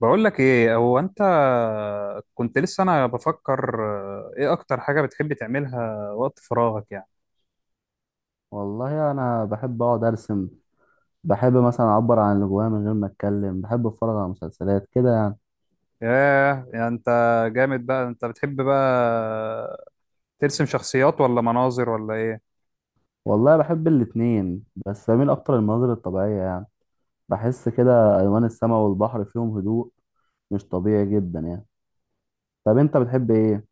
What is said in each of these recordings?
بقول لك ايه هو انت؟ كنت لسه انا بفكر، ايه اكتر حاجة بتحب تعملها وقت فراغك يعني؟ والله انا بحب اقعد ارسم. بحب مثلا اعبر عن اللي جوايا من غير ما اتكلم، بحب اتفرج على مسلسلات كده يعني. ياه، يعني انت جامد بقى. انت بتحب بقى ترسم شخصيات ولا مناظر ولا ايه؟ والله بحب الاتنين بس بميل اكتر للمناظر الطبيعية يعني. بحس كده الوان السماء والبحر فيهم هدوء مش طبيعي جدا يعني. طب انت بتحب ايه؟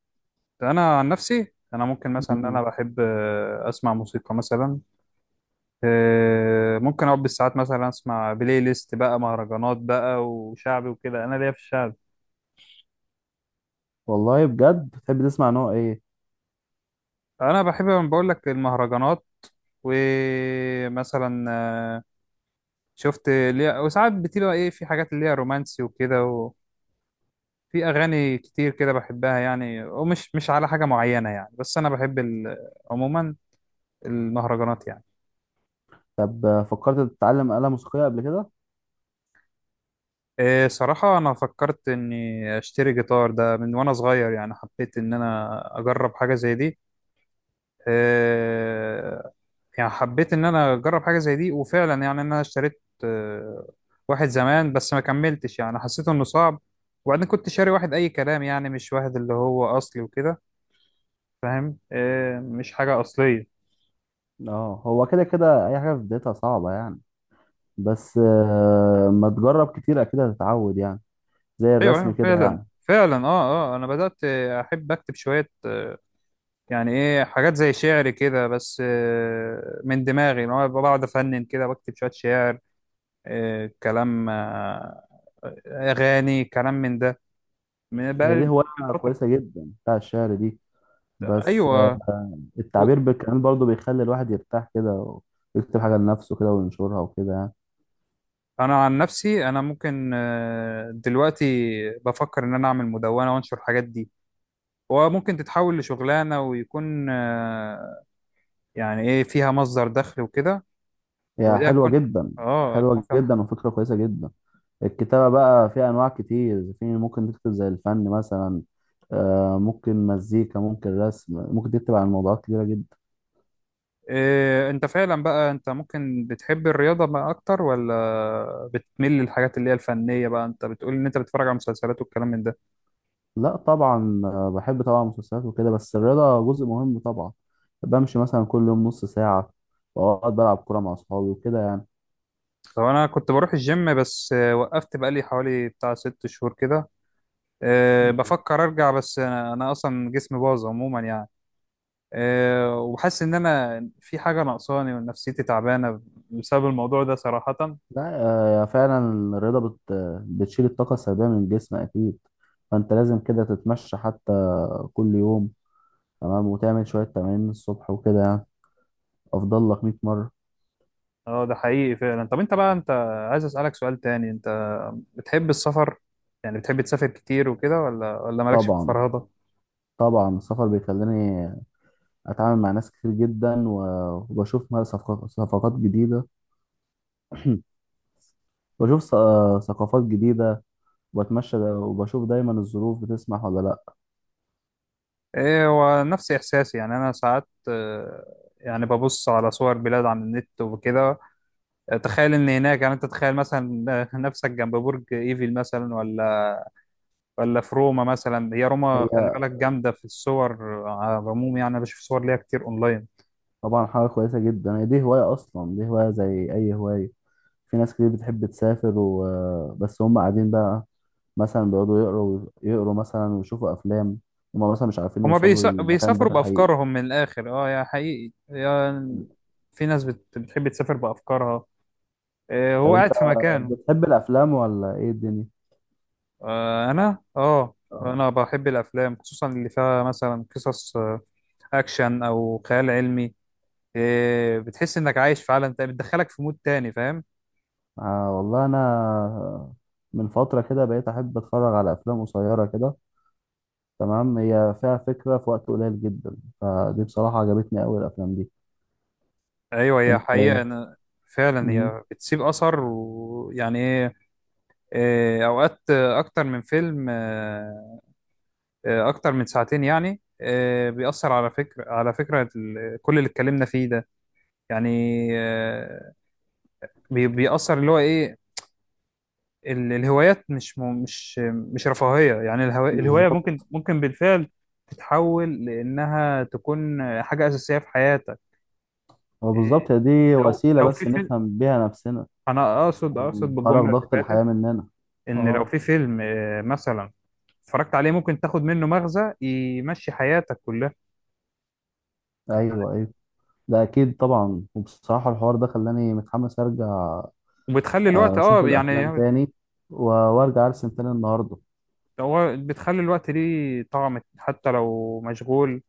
انا عن نفسي انا ممكن مثلا إن انا مم. بحب، اسمع موسيقى مثلا. ممكن اقعد بالساعات مثلا اسمع بلاي ليست بقى، مهرجانات بقى وشعبي وكده، انا ليا في الشعب. والله بجد بتحب تسمع نوع ايه؟ انا بحب بقول لك المهرجانات، ومثلا شفت ليها، وساعات بتبقى ايه، في حاجات اللي هي رومانسي وكده، وفي اغاني كتير كده بحبها يعني، ومش مش على حاجه معينه يعني. بس انا بحب عموما المهرجانات يعني. طب فكرت تتعلم آلة موسيقية قبل كده؟ إيه صراحه، انا فكرت اني اشتري جيتار ده من وانا صغير، يعني حبيت ان انا اجرب حاجه زي دي. إيه، يعني حبيت ان انا اجرب حاجه زي دي، وفعلا يعني انا اشتريت واحد زمان، بس ما كملتش يعني، حسيت انه صعب. وبعدين كنت شاري واحد اي كلام يعني، مش واحد اللي هو اصلي وكده، فاهم؟ إيه، مش حاجة أصلية. اه هو كده كده اي حاجة في بدايتها صعبة يعني، بس ما تجرب كتير اكيد هتتعود يعني، زي أيوه الرسم أيوه، كده فعلا يعني. فعلا، أه أه، أنا بدأت أحب أكتب شوية، يعني إيه حاجات زي شعر كده، بس من دماغي، إن هو بقعد أفنن كده بكتب شوية شعر. كلام، أغاني، كلام من ده بقى، هي دي من هواية فترة. كويسة جدا بتاع الشعر دي، بس أيوه. و- التعبير بالكلام برضه بيخلي الواحد يرتاح كده، ويكتب حاجة لنفسه كده وينشرها وكده يعني. أنا عن نفسي أنا ممكن، دلوقتي بفكر إن أنا أعمل مدونة وأنشر الحاجات دي، وممكن تتحول لشغلانة ويكون يعني ايه، فيها مصدر دخل وكده. هي ودي حلوة هتكون، جدا، اه هتكون حلوة صح. جدا وفكرة كويسة جدا. الكتابة بقى فيها أنواع كتير، في ممكن تكتب زي الفن مثلا، ممكن مزيكا، ممكن رسم، ممكن تكتب عن موضوعات كتيرة جدا. إيه، انت فعلا بقى، انت ممكن بتحب الرياضة بقى اكتر، ولا بتميل للحاجات اللي هي الفنية بقى؟ انت بتقول ان انت بتتفرج على مسلسلات والكلام من ده. لا طبعا، بحب طبعا المسلسلات وكده، بس الرياضة جزء مهم طبعا. بمشي مثلا كل يوم نص ساعة، وأقعد بلعب كورة مع أصحابي وكده طب انا كنت بروح الجيم، بس وقفت بقى لي حوالي بتاع 6 شهور كده. إيه، يعني. بفكر ارجع، بس أنا اصلا جسمي باظ عموما يعني. إيه، وحاسس ان انا في حاجة ناقصاني ونفسيتي تعبانة بسبب الموضوع ده صراحة. لا، فعلا الرياضة بتشيل الطاقة السلبية من الجسم أكيد. فأنت لازم كده تتمشى حتى كل يوم، تمام، وتعمل شوية تمارين الصبح وكده يعني. أفضل لك 100 مرة. اه ده حقيقي فعلا. طب انت بقى، انت عايز اسالك سؤال تاني، انت بتحب السفر؟ يعني بتحب تسافر كتير وكده، ولا مالكش في طبعا، الفرهده؟ طبعا السفر بيخليني أتعامل مع ناس كتير جدا، وبشوف صفقات جديدة. بشوف ثقافات جديدة، وبتمشى وبشوف دايما الظروف بتسمح ولا لأ. ايه، هو نفس احساسي. يعني انا ساعات يعني ببص على صور بلاد على النت وكده، تخيل ان هناك. يعني انت تخيل مثلا نفسك جنب برج ايفل مثلا، ولا ولا في روما مثلا. هي روما خلي هي بالك جامده في الصور. على العموم يعني، انا بشوف صور ليها كتير اونلاين. طبعا حاجة كويسة جدا، هي دي هواية أصلا، دي هواية زي أي هواية. في ناس كتير بتحب تسافر وبس، هم قاعدين بقى مثلا، بيقعدوا يقروا مثلا ويشوفوا أفلام، هم مثلا مش عارفين هما يوصلوا للمكان ده بيسافروا في الحقيقة. بأفكارهم من الآخر. اه، يا حقيقي، يا في ناس بتحب تسافر بأفكارها، هو طب أنت قاعد في مكانه. بتحب الأفلام ولا إيه الدنيا؟ أنا اه، آه. أنا بحب الأفلام، خصوصا اللي فيها مثلا قصص أكشن أو خيال علمي. بتحس إنك عايش في عالم تاني، بتدخلك في مود تاني، فاهم. والله أنا من فترة كده بقيت أحب أتفرج على أفلام قصيرة كده، تمام، هي فيها فكرة في وقت قليل جدا، فدي بصراحة عجبتني أوي الأفلام دي. أيوه، هي أنت حقيقة. إيه؟ أنا فعلا مم. هي بتسيب أثر. ويعني إيه، أوقات أكتر من فيلم، اكتر من ساعتين يعني بيأثر على فكرة، على فكرة كل اللي اتكلمنا فيه ده. يعني بيأثر اللي هو ايه، الهوايات مش م- مش مش رفاهية يعني. الهواية بالظبط. ممكن بالفعل تتحول لأنها تكون حاجة أساسية في حياتك. هو إيه، بالظبط، هي دي لو وسيلة لو في بس فيلم، نفهم بيها نفسنا، أنا أقصد خرج بالجملة اللي ضغط فاتت، الحياة مننا. إن لو في اه، فيلم مثلا اتفرجت عليه، ممكن تاخد منه مغزى يمشي حياتك كلها. ايوه ايوه، ده اكيد طبعا. وبصراحة الحوار ده خلاني متحمس ارجع، وبتخلي الوقت، اشوف اه الافلام يعني، تاني، وارجع ارسم تاني النهاردة. هو بتخلي الوقت ليه طعم حتى لو مشغول.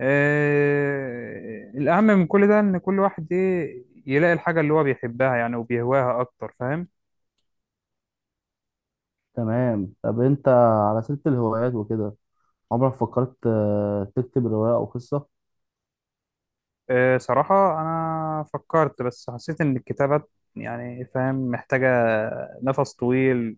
الأهم من كل ده إن كل واحد إيه يلاقي الحاجة اللي هو بيحبها يعني وبيهواها أكتر، فاهم. تمام. طب انت على سيرة الهوايات وكده، عمرك فكرت تكتب رواية او قصة؟ صراحة أنا فكرت، بس حسيت إن الكتابات يعني فاهم، محتاجة نفس طويل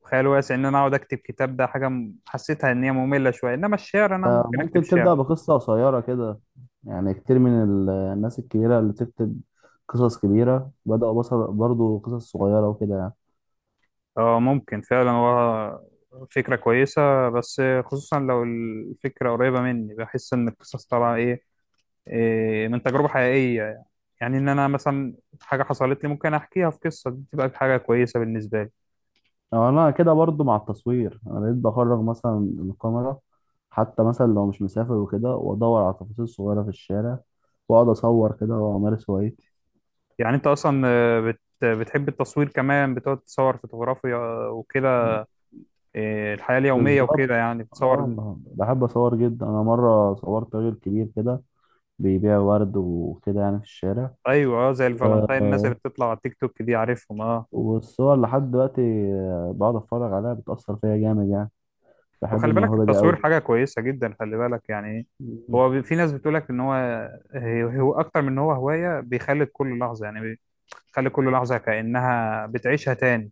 وخيال واسع، إن أنا أقعد أكتب كتاب. ده حاجة حسيتها إن هي مملة شوية، إنما الشعر أنا ممكن أكتب ممكن شعر. تبدأ بقصة قصيرة كده يعني. كتير من الناس الكبيرة اللي تكتب قصص كبيرة بدأوا بصر برضو قصص صغيرة وكده يعني. اه ممكن فعلا، هو فكرة كويسة، بس خصوصا لو الفكرة قريبة مني، بحس إن القصص طالعة إيه، من تجربة حقيقية يعني. يعني إن أنا مثلا حاجة حصلت لي ممكن أحكيها في قصة، دي تبقى حاجة كويسة بالنسبة لي. أو انا كده برضو مع التصوير، انا بقيت بخرج مثلا الكاميرا حتى مثلا لو مش مسافر وكده، وادور على التفاصيل الصغيره في الشارع، واقعد اصور كده وامارس هوايتي. يعني أنت أصلا بتحب التصوير كمان، بتقعد تصور فوتوغرافيا وكده، إيه الحياة اليومية بالظبط. وكده يعني بتصور. اه بحب اصور جدا، انا مره صورت راجل كبير كده بيبيع ورد وكده يعني في الشارع. أيوه زي الفالنتين، الناس آه، اللي بتطلع على التيك توك دي، عارفهم، أه. والصور لحد دلوقتي بقعد اتفرج عليها، بتاثر فيا جامد يعني. بحب وخلي بالك الموهبه دي التصوير حاجة كويسة جدا، خلي بالك يعني إيه، قوي. هو في ناس بتقولك ان هو، هو اكتر من ان هو هواية. بيخلي كل لحظة يعني، بيخلي كل لحظة كأنها بتعيشها تاني.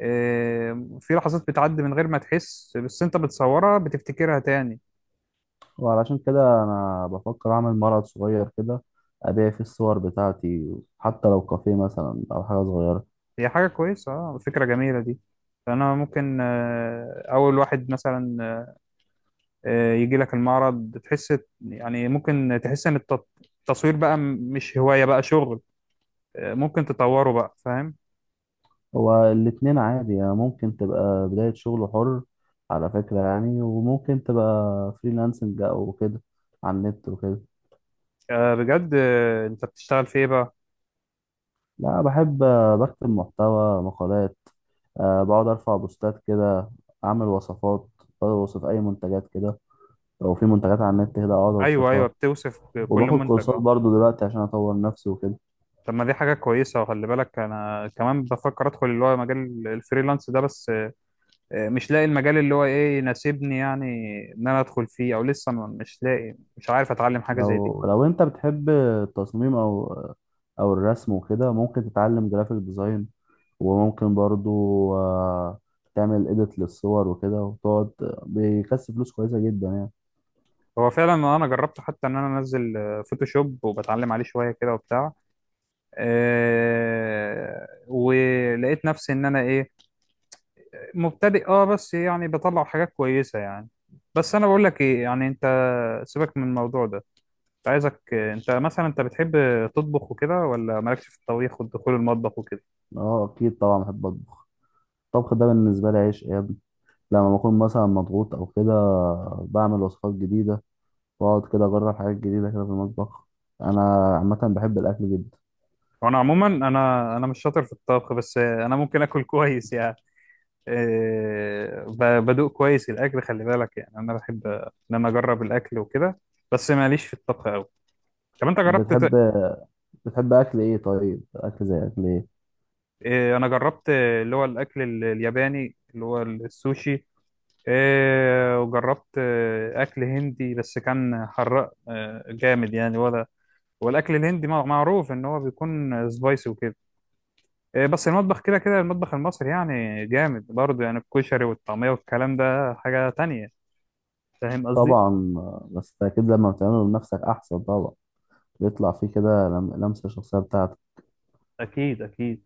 إيه، في لحظات بتعدي من غير ما تحس، بس انت بتصورها، بتفتكرها تاني. وعلشان كده انا بفكر اعمل معرض صغير كده، ابيع فيه الصور بتاعتي، حتى لو كافيه مثلا او حاجه صغيره. هي حاجة كويسة، اه، فكرة جميلة دي. فانا ممكن اول واحد مثلا يجي لك المعرض، تحس، يعني ممكن تحس ان التصوير بقى مش هواية بقى شغل. ممكن تطوره بقى، فاهم. هو الاتنين عادي يعني، ممكن تبقى بدايه شغل حر على فكره يعني، وممكن تبقى فريلانسنج او كده على النت وكده. بجد، انت بتشتغل في ايه بقى؟ لا، بحب بكتب محتوى مقالات، أه بقعد ارفع بوستات كده، اعمل وصفات، بوصف اي منتجات كده. لو في منتجات على النت كده اقعد ايوه ايوه، اوصفها. بتوصف كل وباخد منتج، كورسات اه. برضو دلوقتي عشان اطور نفسي وكده. طب ما دي حاجه كويسه. وخلي بالك انا كمان بفكر ادخل اللي هو مجال الفريلانس ده، بس مش لاقي المجال اللي هو ايه يناسبني يعني، ان انا ادخل فيه. او لسه مش لاقي، مش عارف اتعلم حاجه زي دي. لو انت بتحب التصميم او او الرسم وكده، ممكن تتعلم جرافيك ديزاين. وممكن برضو، آه، تعمل اديت للصور وكده وتقعد، بيكسب فلوس كويسة جدا يعني. هو فعلا انا جربت، حتى ان انا انزل فوتوشوب وبتعلم عليه شويه كده وبتاع. ولقيت نفسي ان انا ايه، مبتدئ اه، بس يعني بطلع حاجات كويسه يعني. بس انا بقول لك ايه، يعني انت سيبك من الموضوع ده. كنت عايزك، انت مثلا انت بتحب تطبخ وكده، ولا مالكش في الطبيخ والدخول المطبخ وكده؟ اه اكيد طبعا بحب اطبخ. الطبخ ده بالنسبة لي عيش يا ابني. لما بكون مثلا مضغوط او كده، بعمل وصفات جديدة، واقعد كده اجرب حاجات جديدة كده في المطبخ. انا عامة بحب الاكل جدا. وانا عموما انا مش شاطر في الطبخ، بس انا ممكن اكل كويس يعني. إيه، بدوق كويس الاكل، خلي بالك يعني، انا بحب ان انا اجرب الاكل وكده، بس ماليش في الطبخ قوي. طب انت جربت بتحب بتحب اكل ايه؟ طيب اكل زي اكل ايه؟ إيه، انا جربت اللي هو الاكل الياباني اللي هو السوشي. إيه، وجربت اكل هندي بس كان حراق جامد يعني، ولا والاكل الهندي معروف ان هو بيكون سبايسي وكده. إيه، بس المطبخ كده كده المطبخ المصري يعني جامد برضه يعني، الكشري والطعميه والكلام ده حاجه تانية، فاهم قصدي؟ طبعا، بس ده أكيد لما بتعمله لنفسك أحسن طبعا، بيطلع فيه كده لمسة شخصية بتاعتك. اكيد اكيد.